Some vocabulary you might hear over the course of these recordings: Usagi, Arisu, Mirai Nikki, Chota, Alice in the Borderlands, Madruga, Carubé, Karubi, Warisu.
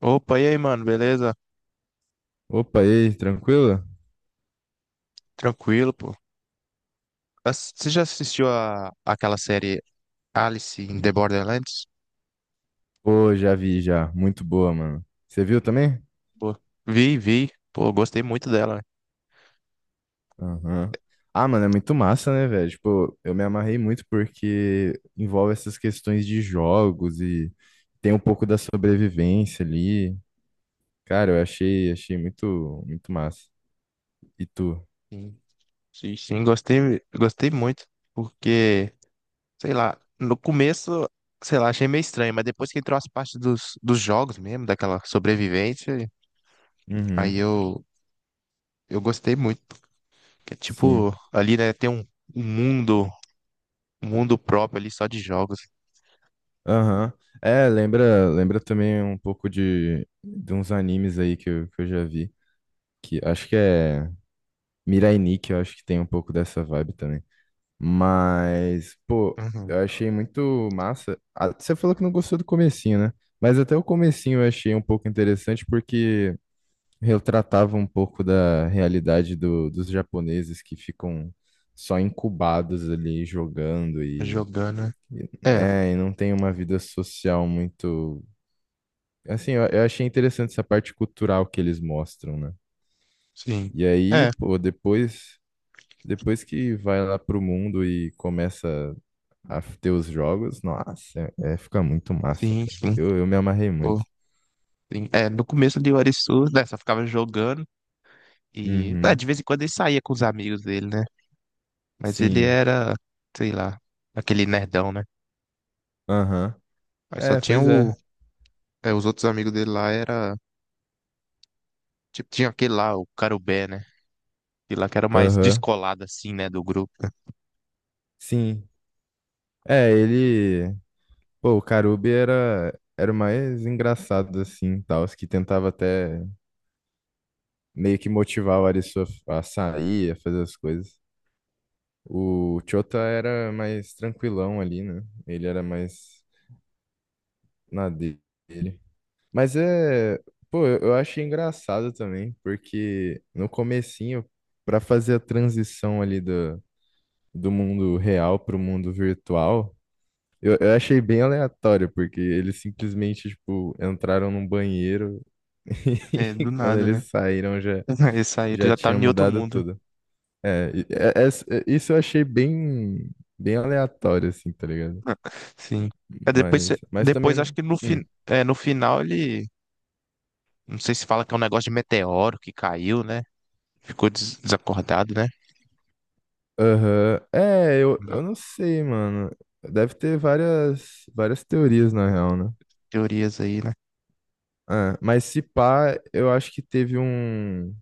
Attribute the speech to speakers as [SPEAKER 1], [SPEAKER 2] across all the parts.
[SPEAKER 1] Opa, e aí, mano, beleza?
[SPEAKER 2] Opa, e aí, tranquilo?
[SPEAKER 1] Tranquilo, pô. Você já assistiu a, aquela série Alice in the Borderlands?
[SPEAKER 2] Pô, já vi já. Muito boa, mano. Você viu também?
[SPEAKER 1] Pô, vi. Pô, gostei muito dela, né?
[SPEAKER 2] Aham. Ah, mano, é muito massa, né, velho? Tipo, eu me amarrei muito porque envolve essas questões de jogos e tem um pouco da sobrevivência ali. Cara, eu achei, achei muito, muito massa. E tu?
[SPEAKER 1] Sim, sim, gostei muito, porque sei lá, no começo, sei lá, achei meio estranho, mas depois que entrou as partes dos jogos mesmo, daquela sobrevivência, aí
[SPEAKER 2] Uhum.
[SPEAKER 1] eu, eu gostei muito. Que é
[SPEAKER 2] Sim.
[SPEAKER 1] tipo, ali, né, um mundo, um mundo próprio ali só de jogos.
[SPEAKER 2] Aham. É, lembra também um pouco de uns animes aí que eu já vi. Que acho que é Mirai Nikki, eu acho que tem um pouco dessa vibe também. Mas, pô,
[SPEAKER 1] Uhum.
[SPEAKER 2] eu achei muito massa. Ah, você falou que não gostou do comecinho, né? Mas até o comecinho eu achei um pouco interessante porque retratava um pouco da realidade dos japoneses que ficam só incubados ali jogando
[SPEAKER 1] Jogando, né?
[SPEAKER 2] e-
[SPEAKER 1] É,
[SPEAKER 2] e não tem uma vida social muito. Assim, eu achei interessante essa parte cultural que eles mostram, né?
[SPEAKER 1] sim.
[SPEAKER 2] E aí,
[SPEAKER 1] É,
[SPEAKER 2] pô, depois, depois que vai lá pro mundo e começa a ter os jogos, nossa, fica muito massa,
[SPEAKER 1] sim,
[SPEAKER 2] cara.
[SPEAKER 1] sim.
[SPEAKER 2] Eu me amarrei
[SPEAKER 1] Pô,
[SPEAKER 2] muito.
[SPEAKER 1] sim. É, no começo de Warisu, né, só ficava jogando e, ah,
[SPEAKER 2] Uhum,
[SPEAKER 1] de vez em quando ele saía com os amigos dele, né? Mas ele
[SPEAKER 2] sim,
[SPEAKER 1] era, sei lá, aquele nerdão, né?
[SPEAKER 2] aham.
[SPEAKER 1] Mas só
[SPEAKER 2] É,
[SPEAKER 1] tinha
[SPEAKER 2] pois
[SPEAKER 1] o,
[SPEAKER 2] é,
[SPEAKER 1] é, os outros amigos dele lá era. Tipo, tinha aquele lá, o Carubé, né? Aquele lá que era mais
[SPEAKER 2] aham,
[SPEAKER 1] descolado, assim, né, do grupo.
[SPEAKER 2] sim. É, ele, pô, o Karubi era, era o mais engraçado, assim, tal, os que tentava até meio que motivar o Arisu a sair, a fazer as coisas. O Chota era mais tranquilão ali, né? Ele era mais na dele. Mas é, pô, eu achei engraçado também, porque no comecinho, pra fazer a transição ali do mundo real pro mundo virtual, eu achei bem aleatório, porque eles simplesmente, tipo, entraram num banheiro
[SPEAKER 1] É,
[SPEAKER 2] e
[SPEAKER 1] do
[SPEAKER 2] quando
[SPEAKER 1] nada, né?
[SPEAKER 2] eles saíram já,
[SPEAKER 1] Esse aí ele
[SPEAKER 2] já
[SPEAKER 1] já tava
[SPEAKER 2] tinha
[SPEAKER 1] em outro
[SPEAKER 2] mudado
[SPEAKER 1] mundo.
[SPEAKER 2] tudo. É, isso eu achei bem, bem aleatório, assim, tá ligado?
[SPEAKER 1] Sim. É, depois,
[SPEAKER 2] Mas também
[SPEAKER 1] depois acho
[SPEAKER 2] não.
[SPEAKER 1] que no,
[SPEAKER 2] hum.
[SPEAKER 1] é, no final ele. Não sei se fala que é um negócio de meteoro que caiu, né? Ficou desacordado, né?
[SPEAKER 2] Aham. É, eu não sei, mano. Deve ter várias, várias teorias, na real, né?
[SPEAKER 1] Teorias aí, né?
[SPEAKER 2] É, mas se pá, eu acho que teve um,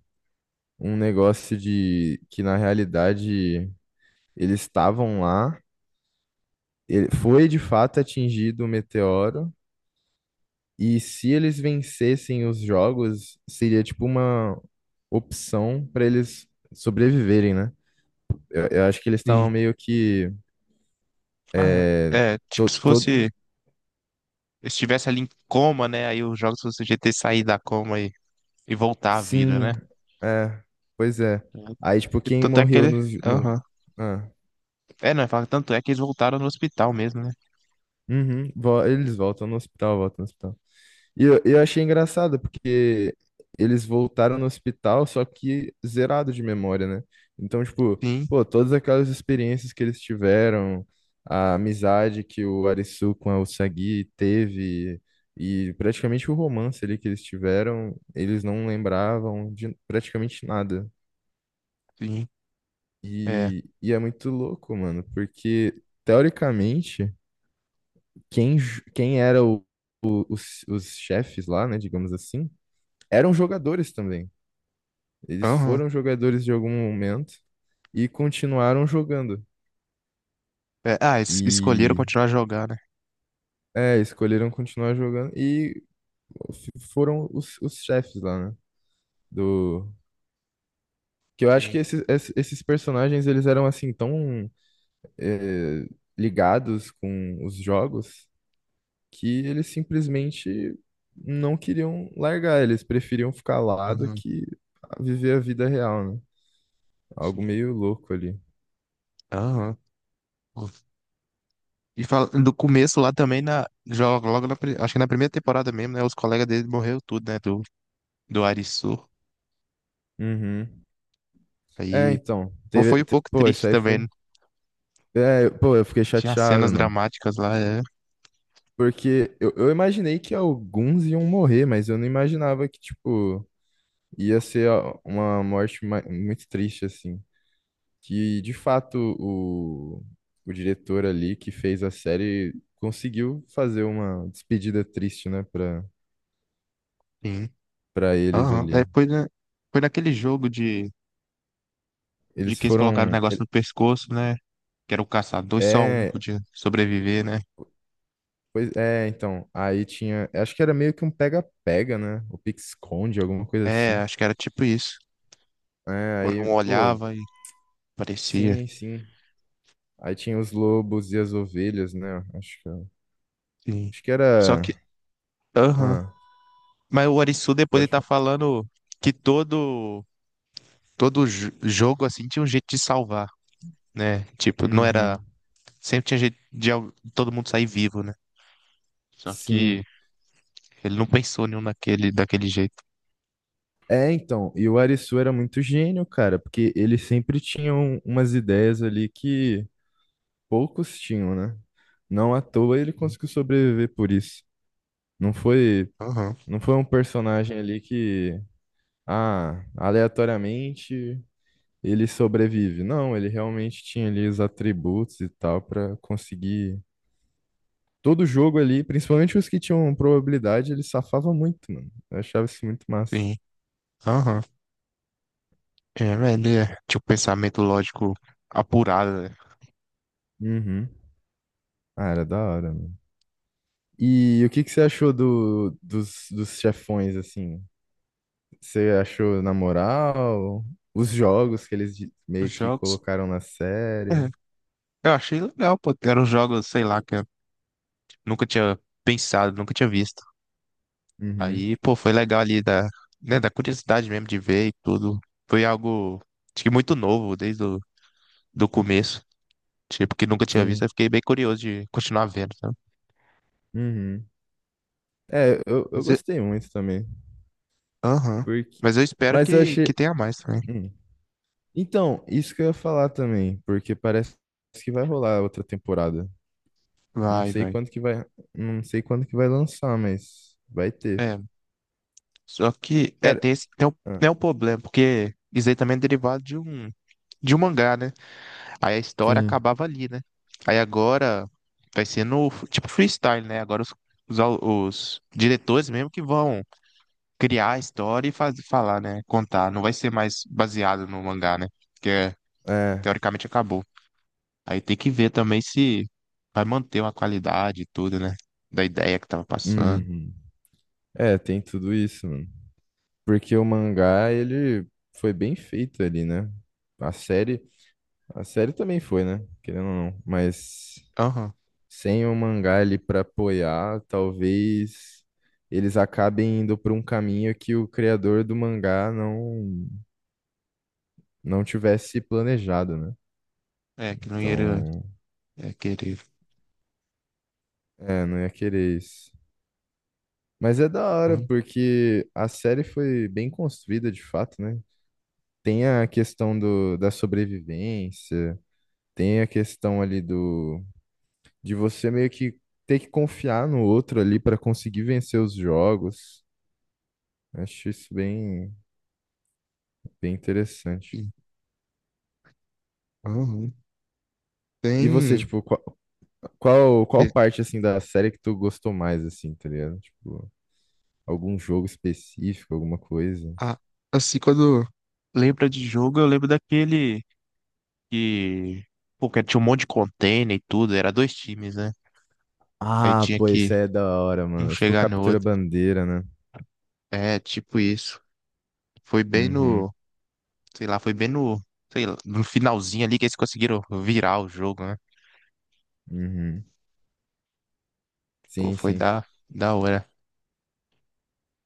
[SPEAKER 2] um negócio de que, na realidade, eles estavam lá, ele, foi de fato atingido o meteoro, e se eles vencessem os jogos, seria tipo uma opção pra eles sobreviverem, né? Eu acho que eles
[SPEAKER 1] Sim.
[SPEAKER 2] estavam meio que.
[SPEAKER 1] Ah,
[SPEAKER 2] é,
[SPEAKER 1] é,
[SPEAKER 2] to,
[SPEAKER 1] tipo, se
[SPEAKER 2] to-
[SPEAKER 1] fosse. Se estivesse ali em coma, né? Aí os jogos fosse o GT sair da coma e voltar à vida,
[SPEAKER 2] Sim,
[SPEAKER 1] né?
[SPEAKER 2] é, pois é. Aí, tipo,
[SPEAKER 1] É,
[SPEAKER 2] quem
[SPEAKER 1] tanto é que
[SPEAKER 2] morreu
[SPEAKER 1] ele.
[SPEAKER 2] no, no...
[SPEAKER 1] Aham.
[SPEAKER 2] Ah,
[SPEAKER 1] É, não, tanto é que eles voltaram no hospital mesmo, né?
[SPEAKER 2] uhum, eles voltam no hospital, voltam no hospital. E eu achei engraçado, porque eles voltaram no hospital, só que zerado de memória, né? Então, tipo,
[SPEAKER 1] Sim,
[SPEAKER 2] pô, todas aquelas experiências que eles tiveram, a amizade que o Arisu com a Usagi teve, e praticamente o romance ali que eles tiveram, eles não lembravam de praticamente nada.
[SPEAKER 1] sim. É.
[SPEAKER 2] E é muito louco, mano, porque teoricamente, quem era o, os chefes lá, né, digamos assim, eram jogadores também. Eles
[SPEAKER 1] Aham.
[SPEAKER 2] foram jogadores de algum momento e continuaram jogando.
[SPEAKER 1] É, ah, escolheram
[SPEAKER 2] E
[SPEAKER 1] continuar a jogar, né?
[SPEAKER 2] é, escolheram continuar jogando e foram os chefes lá, né? Do. Que eu acho
[SPEAKER 1] Sim.
[SPEAKER 2] que esses, esses personagens eles eram assim tão eh, ligados com os jogos que eles simplesmente não queriam largar, eles preferiam ficar lá do
[SPEAKER 1] Aham.
[SPEAKER 2] que viver a vida real, né? Algo
[SPEAKER 1] Sim.
[SPEAKER 2] meio louco ali.
[SPEAKER 1] Aham. Pô. E fala, do começo lá também, na, joga logo na, acho que na primeira temporada mesmo, né? Os colegas dele morreram tudo, né? Do, do Arisu.
[SPEAKER 2] Uhum. É,
[SPEAKER 1] Aí,
[SPEAKER 2] então,
[SPEAKER 1] pô, foi um pouco
[SPEAKER 2] pô, isso
[SPEAKER 1] triste
[SPEAKER 2] aí
[SPEAKER 1] também,
[SPEAKER 2] foi.
[SPEAKER 1] né?
[SPEAKER 2] É, pô, eu fiquei
[SPEAKER 1] Tinha
[SPEAKER 2] chateado,
[SPEAKER 1] cenas
[SPEAKER 2] mano.
[SPEAKER 1] dramáticas lá, é.
[SPEAKER 2] Porque eu imaginei que alguns iam morrer, mas eu não imaginava que, tipo, ia ser uma morte muito triste, assim. Que de fato o diretor ali que fez a série conseguiu fazer uma despedida triste, né, para
[SPEAKER 1] Sim.
[SPEAKER 2] para eles
[SPEAKER 1] Aham. É,
[SPEAKER 2] ali.
[SPEAKER 1] foi, foi naquele jogo de
[SPEAKER 2] Eles
[SPEAKER 1] que eles colocaram o
[SPEAKER 2] foram
[SPEAKER 1] negócio
[SPEAKER 2] ele-
[SPEAKER 1] no pescoço, né? Que era o caçador, e só um
[SPEAKER 2] é,
[SPEAKER 1] podia sobreviver, né?
[SPEAKER 2] pois é, então, aí tinha, acho que era meio que um pega-pega, né? O pique-esconde, alguma coisa
[SPEAKER 1] É,
[SPEAKER 2] assim.
[SPEAKER 1] acho que era tipo isso.
[SPEAKER 2] É,
[SPEAKER 1] Quando
[SPEAKER 2] aí,
[SPEAKER 1] um
[SPEAKER 2] pô,
[SPEAKER 1] olhava e parecia.
[SPEAKER 2] sim, sim. Aí tinha os lobos e as ovelhas, né?
[SPEAKER 1] Sim.
[SPEAKER 2] Acho que
[SPEAKER 1] Só que,
[SPEAKER 2] era,
[SPEAKER 1] aham.
[SPEAKER 2] ah,
[SPEAKER 1] Mas o Arisu depois ele
[SPEAKER 2] pode
[SPEAKER 1] tá
[SPEAKER 2] falar.
[SPEAKER 1] falando que todo jogo assim tinha um jeito de salvar, né? Tipo, não era,
[SPEAKER 2] Uhum.
[SPEAKER 1] sempre tinha jeito de todo mundo sair vivo, né? Só
[SPEAKER 2] Sim.
[SPEAKER 1] que ele não pensou nenhum daquele jeito.
[SPEAKER 2] É, então, e o Arisu era muito gênio, cara, porque ele sempre tinha umas ideias ali que poucos tinham, né? Não à toa ele conseguiu sobreviver por isso. Não foi,
[SPEAKER 1] Aham.
[SPEAKER 2] não foi um personagem ali que, ah, aleatoriamente ele sobrevive. Não, ele realmente tinha ali os atributos e tal pra conseguir todo jogo ali, principalmente os que tinham probabilidade, ele safava muito, mano. Eu achava isso muito massa.
[SPEAKER 1] Sim. Aham. É, velho, ele tinha um pensamento lógico apurado, né?
[SPEAKER 2] Uhum. Ah, era da hora. E o que que você achou do, dos, dos chefões, assim? Você achou na moral? Os jogos que eles meio
[SPEAKER 1] Os
[SPEAKER 2] que
[SPEAKER 1] jogos.
[SPEAKER 2] colocaram na série?
[SPEAKER 1] É, eu achei legal, pô. Eram jogos, sei lá, que nunca tinha pensado, nunca tinha visto.
[SPEAKER 2] Uhum,
[SPEAKER 1] Aí, pô, foi legal ali da, né, da curiosidade mesmo de ver e tudo. Foi algo, acho que muito novo desde o do começo. Tipo, que nunca tinha visto. Eu
[SPEAKER 2] sim.
[SPEAKER 1] fiquei bem curioso de continuar vendo, sabe?
[SPEAKER 2] Uhum. É, eu
[SPEAKER 1] Mas eu-
[SPEAKER 2] gostei muito também.
[SPEAKER 1] Aham.
[SPEAKER 2] Porque...
[SPEAKER 1] Mas eu espero
[SPEAKER 2] Mas eu achei.
[SPEAKER 1] que tenha mais também.
[SPEAKER 2] Hum. Então, isso que eu ia falar também, porque parece que vai rolar outra temporada. Não
[SPEAKER 1] Vai,
[SPEAKER 2] sei
[SPEAKER 1] vai.
[SPEAKER 2] quando que vai. Não sei quando que vai lançar, mas vai ter.
[SPEAKER 1] É, só que, é,
[SPEAKER 2] Cara,
[SPEAKER 1] tem esse,
[SPEAKER 2] ah,
[SPEAKER 1] tem o problema, porque isso aí também é derivado de um mangá, né? Aí a história
[SPEAKER 2] sim.
[SPEAKER 1] acabava ali, né? Aí agora vai ser no tipo freestyle, né? Agora os, au- os diretores mesmo que vão criar a história e faz, falar, né? Contar. Não vai ser mais baseado no mangá, né? Porque é,
[SPEAKER 2] É.
[SPEAKER 1] teoricamente acabou. Aí tem que ver também se vai manter uma qualidade e tudo, né? Da ideia que tava passando.
[SPEAKER 2] Uhum. É, tem tudo isso, mano. Porque o mangá, ele foi bem feito ali, né? A série, a série também foi, né? Querendo ou não, mas
[SPEAKER 1] Aham.
[SPEAKER 2] sem o mangá ali pra apoiar, talvez eles acabem indo por um caminho que o criador do mangá não não tivesse planejado, né?
[SPEAKER 1] É, que não ia
[SPEAKER 2] Então,
[SPEAKER 1] é, querer.
[SPEAKER 2] é, não ia querer isso. Mas é da hora,
[SPEAKER 1] Hum,
[SPEAKER 2] porque a série foi bem construída de fato, né? Tem a questão do, da sobrevivência. Tem a questão ali do de você meio que ter que confiar no outro ali para conseguir vencer os jogos. Acho isso bem, bem interessante.
[SPEAKER 1] sim. Aham.
[SPEAKER 2] E você,
[SPEAKER 1] Tem.
[SPEAKER 2] tipo, qual, qual parte assim da série que tu gostou mais assim, tá ligado? Tipo, algum jogo específico, alguma coisa?
[SPEAKER 1] Ah, assim, quando lembra de jogo, eu lembro daquele. Que, pô, que tinha um monte de container e tudo, era dois times, né? Aí
[SPEAKER 2] Ah,
[SPEAKER 1] tinha
[SPEAKER 2] pô, isso
[SPEAKER 1] que
[SPEAKER 2] aí é da hora,
[SPEAKER 1] um
[SPEAKER 2] mano. Tipo,
[SPEAKER 1] chegar no
[SPEAKER 2] captura
[SPEAKER 1] outro.
[SPEAKER 2] bandeira, né?
[SPEAKER 1] É, tipo isso. Foi bem
[SPEAKER 2] Uhum,
[SPEAKER 1] no, sei lá, foi bem no, sei lá, no finalzinho ali que eles conseguiram virar o jogo, né?
[SPEAKER 2] uhum.
[SPEAKER 1] Pô,
[SPEAKER 2] Sim,
[SPEAKER 1] foi
[SPEAKER 2] sim.
[SPEAKER 1] da, da hora.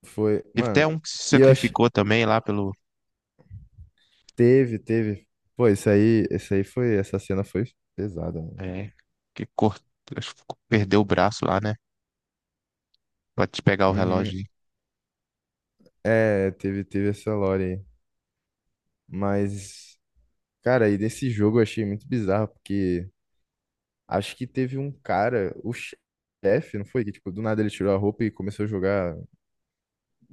[SPEAKER 2] Foi,
[SPEAKER 1] Teve até
[SPEAKER 2] mano.
[SPEAKER 1] um que se
[SPEAKER 2] E eu ach-
[SPEAKER 1] sacrificou também lá pelo,
[SPEAKER 2] Teve, teve. Pô, isso aí foi, essa cena foi pesada, mano.
[SPEAKER 1] é, que cortou, perdeu o braço lá, né? Pode pegar o
[SPEAKER 2] Uhum.
[SPEAKER 1] relógio.
[SPEAKER 2] É, teve, teve essa lore aí. Mas, cara, e desse jogo eu achei muito bizarro, porque acho que teve um cara, o chefe, não foi? Que, tipo, do nada ele tirou a roupa e começou a jogar,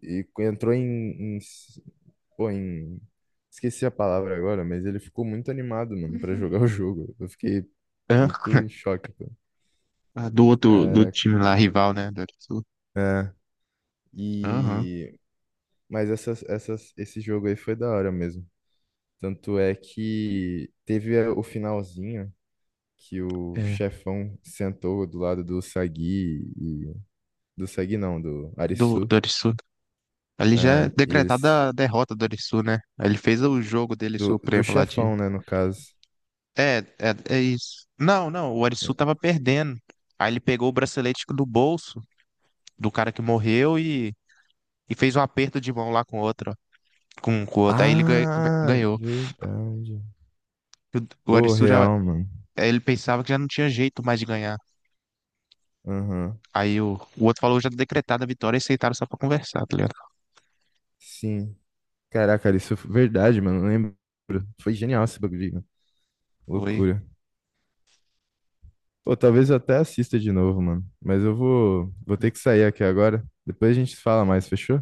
[SPEAKER 2] e entrou pô, em, esqueci a palavra agora, mas ele ficou muito animado, mano, pra jogar o jogo. Eu fiquei
[SPEAKER 1] Hã?
[SPEAKER 2] muito em choque, pô.
[SPEAKER 1] Ah, do outro, do
[SPEAKER 2] Caraca.
[SPEAKER 1] time lá, rival, né? Do Arisul.
[SPEAKER 2] É.
[SPEAKER 1] Aham.
[SPEAKER 2] E... Mas essas, essas, esse jogo aí foi da hora mesmo. Tanto é que teve o finalzinho que o
[SPEAKER 1] É.
[SPEAKER 2] chefão sentou do lado do Sagi e do Sagi não, do
[SPEAKER 1] Do,
[SPEAKER 2] Arisu.
[SPEAKER 1] do Arisul. Ali já é
[SPEAKER 2] É, e eles
[SPEAKER 1] decretada a derrota do Arisu, né? Ele fez o jogo dele
[SPEAKER 2] do, do
[SPEAKER 1] supremo lá de.
[SPEAKER 2] chefão, né, no caso.
[SPEAKER 1] É, é, é isso. Não, não, o Arisu tava perdendo. Aí ele pegou o bracelete do bolso do cara que morreu e fez um aperto de mão lá com o outro, ó, com o outro.
[SPEAKER 2] Ah,
[SPEAKER 1] Ganhou.
[SPEAKER 2] verdade.
[SPEAKER 1] O
[SPEAKER 2] Pô,
[SPEAKER 1] Arisu já.
[SPEAKER 2] real, mano.
[SPEAKER 1] Ele pensava que já não tinha jeito mais de ganhar.
[SPEAKER 2] Aham.
[SPEAKER 1] Aí o outro falou já decretada a vitória e aceitaram só pra conversar, tá ligado?
[SPEAKER 2] Sim. Caraca, Arisu, verdade, mano, não lembro. Foi genial esse bagulho, mano.
[SPEAKER 1] Foi.
[SPEAKER 2] Loucura. Ou talvez eu até assista de novo, mano. Mas eu vou, vou ter que sair aqui agora. Depois a gente fala mais, fechou?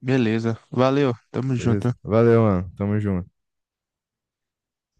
[SPEAKER 1] Beleza. Valeu. Tamo
[SPEAKER 2] Beleza?
[SPEAKER 1] junto.
[SPEAKER 2] Valeu, mano. Tamo junto.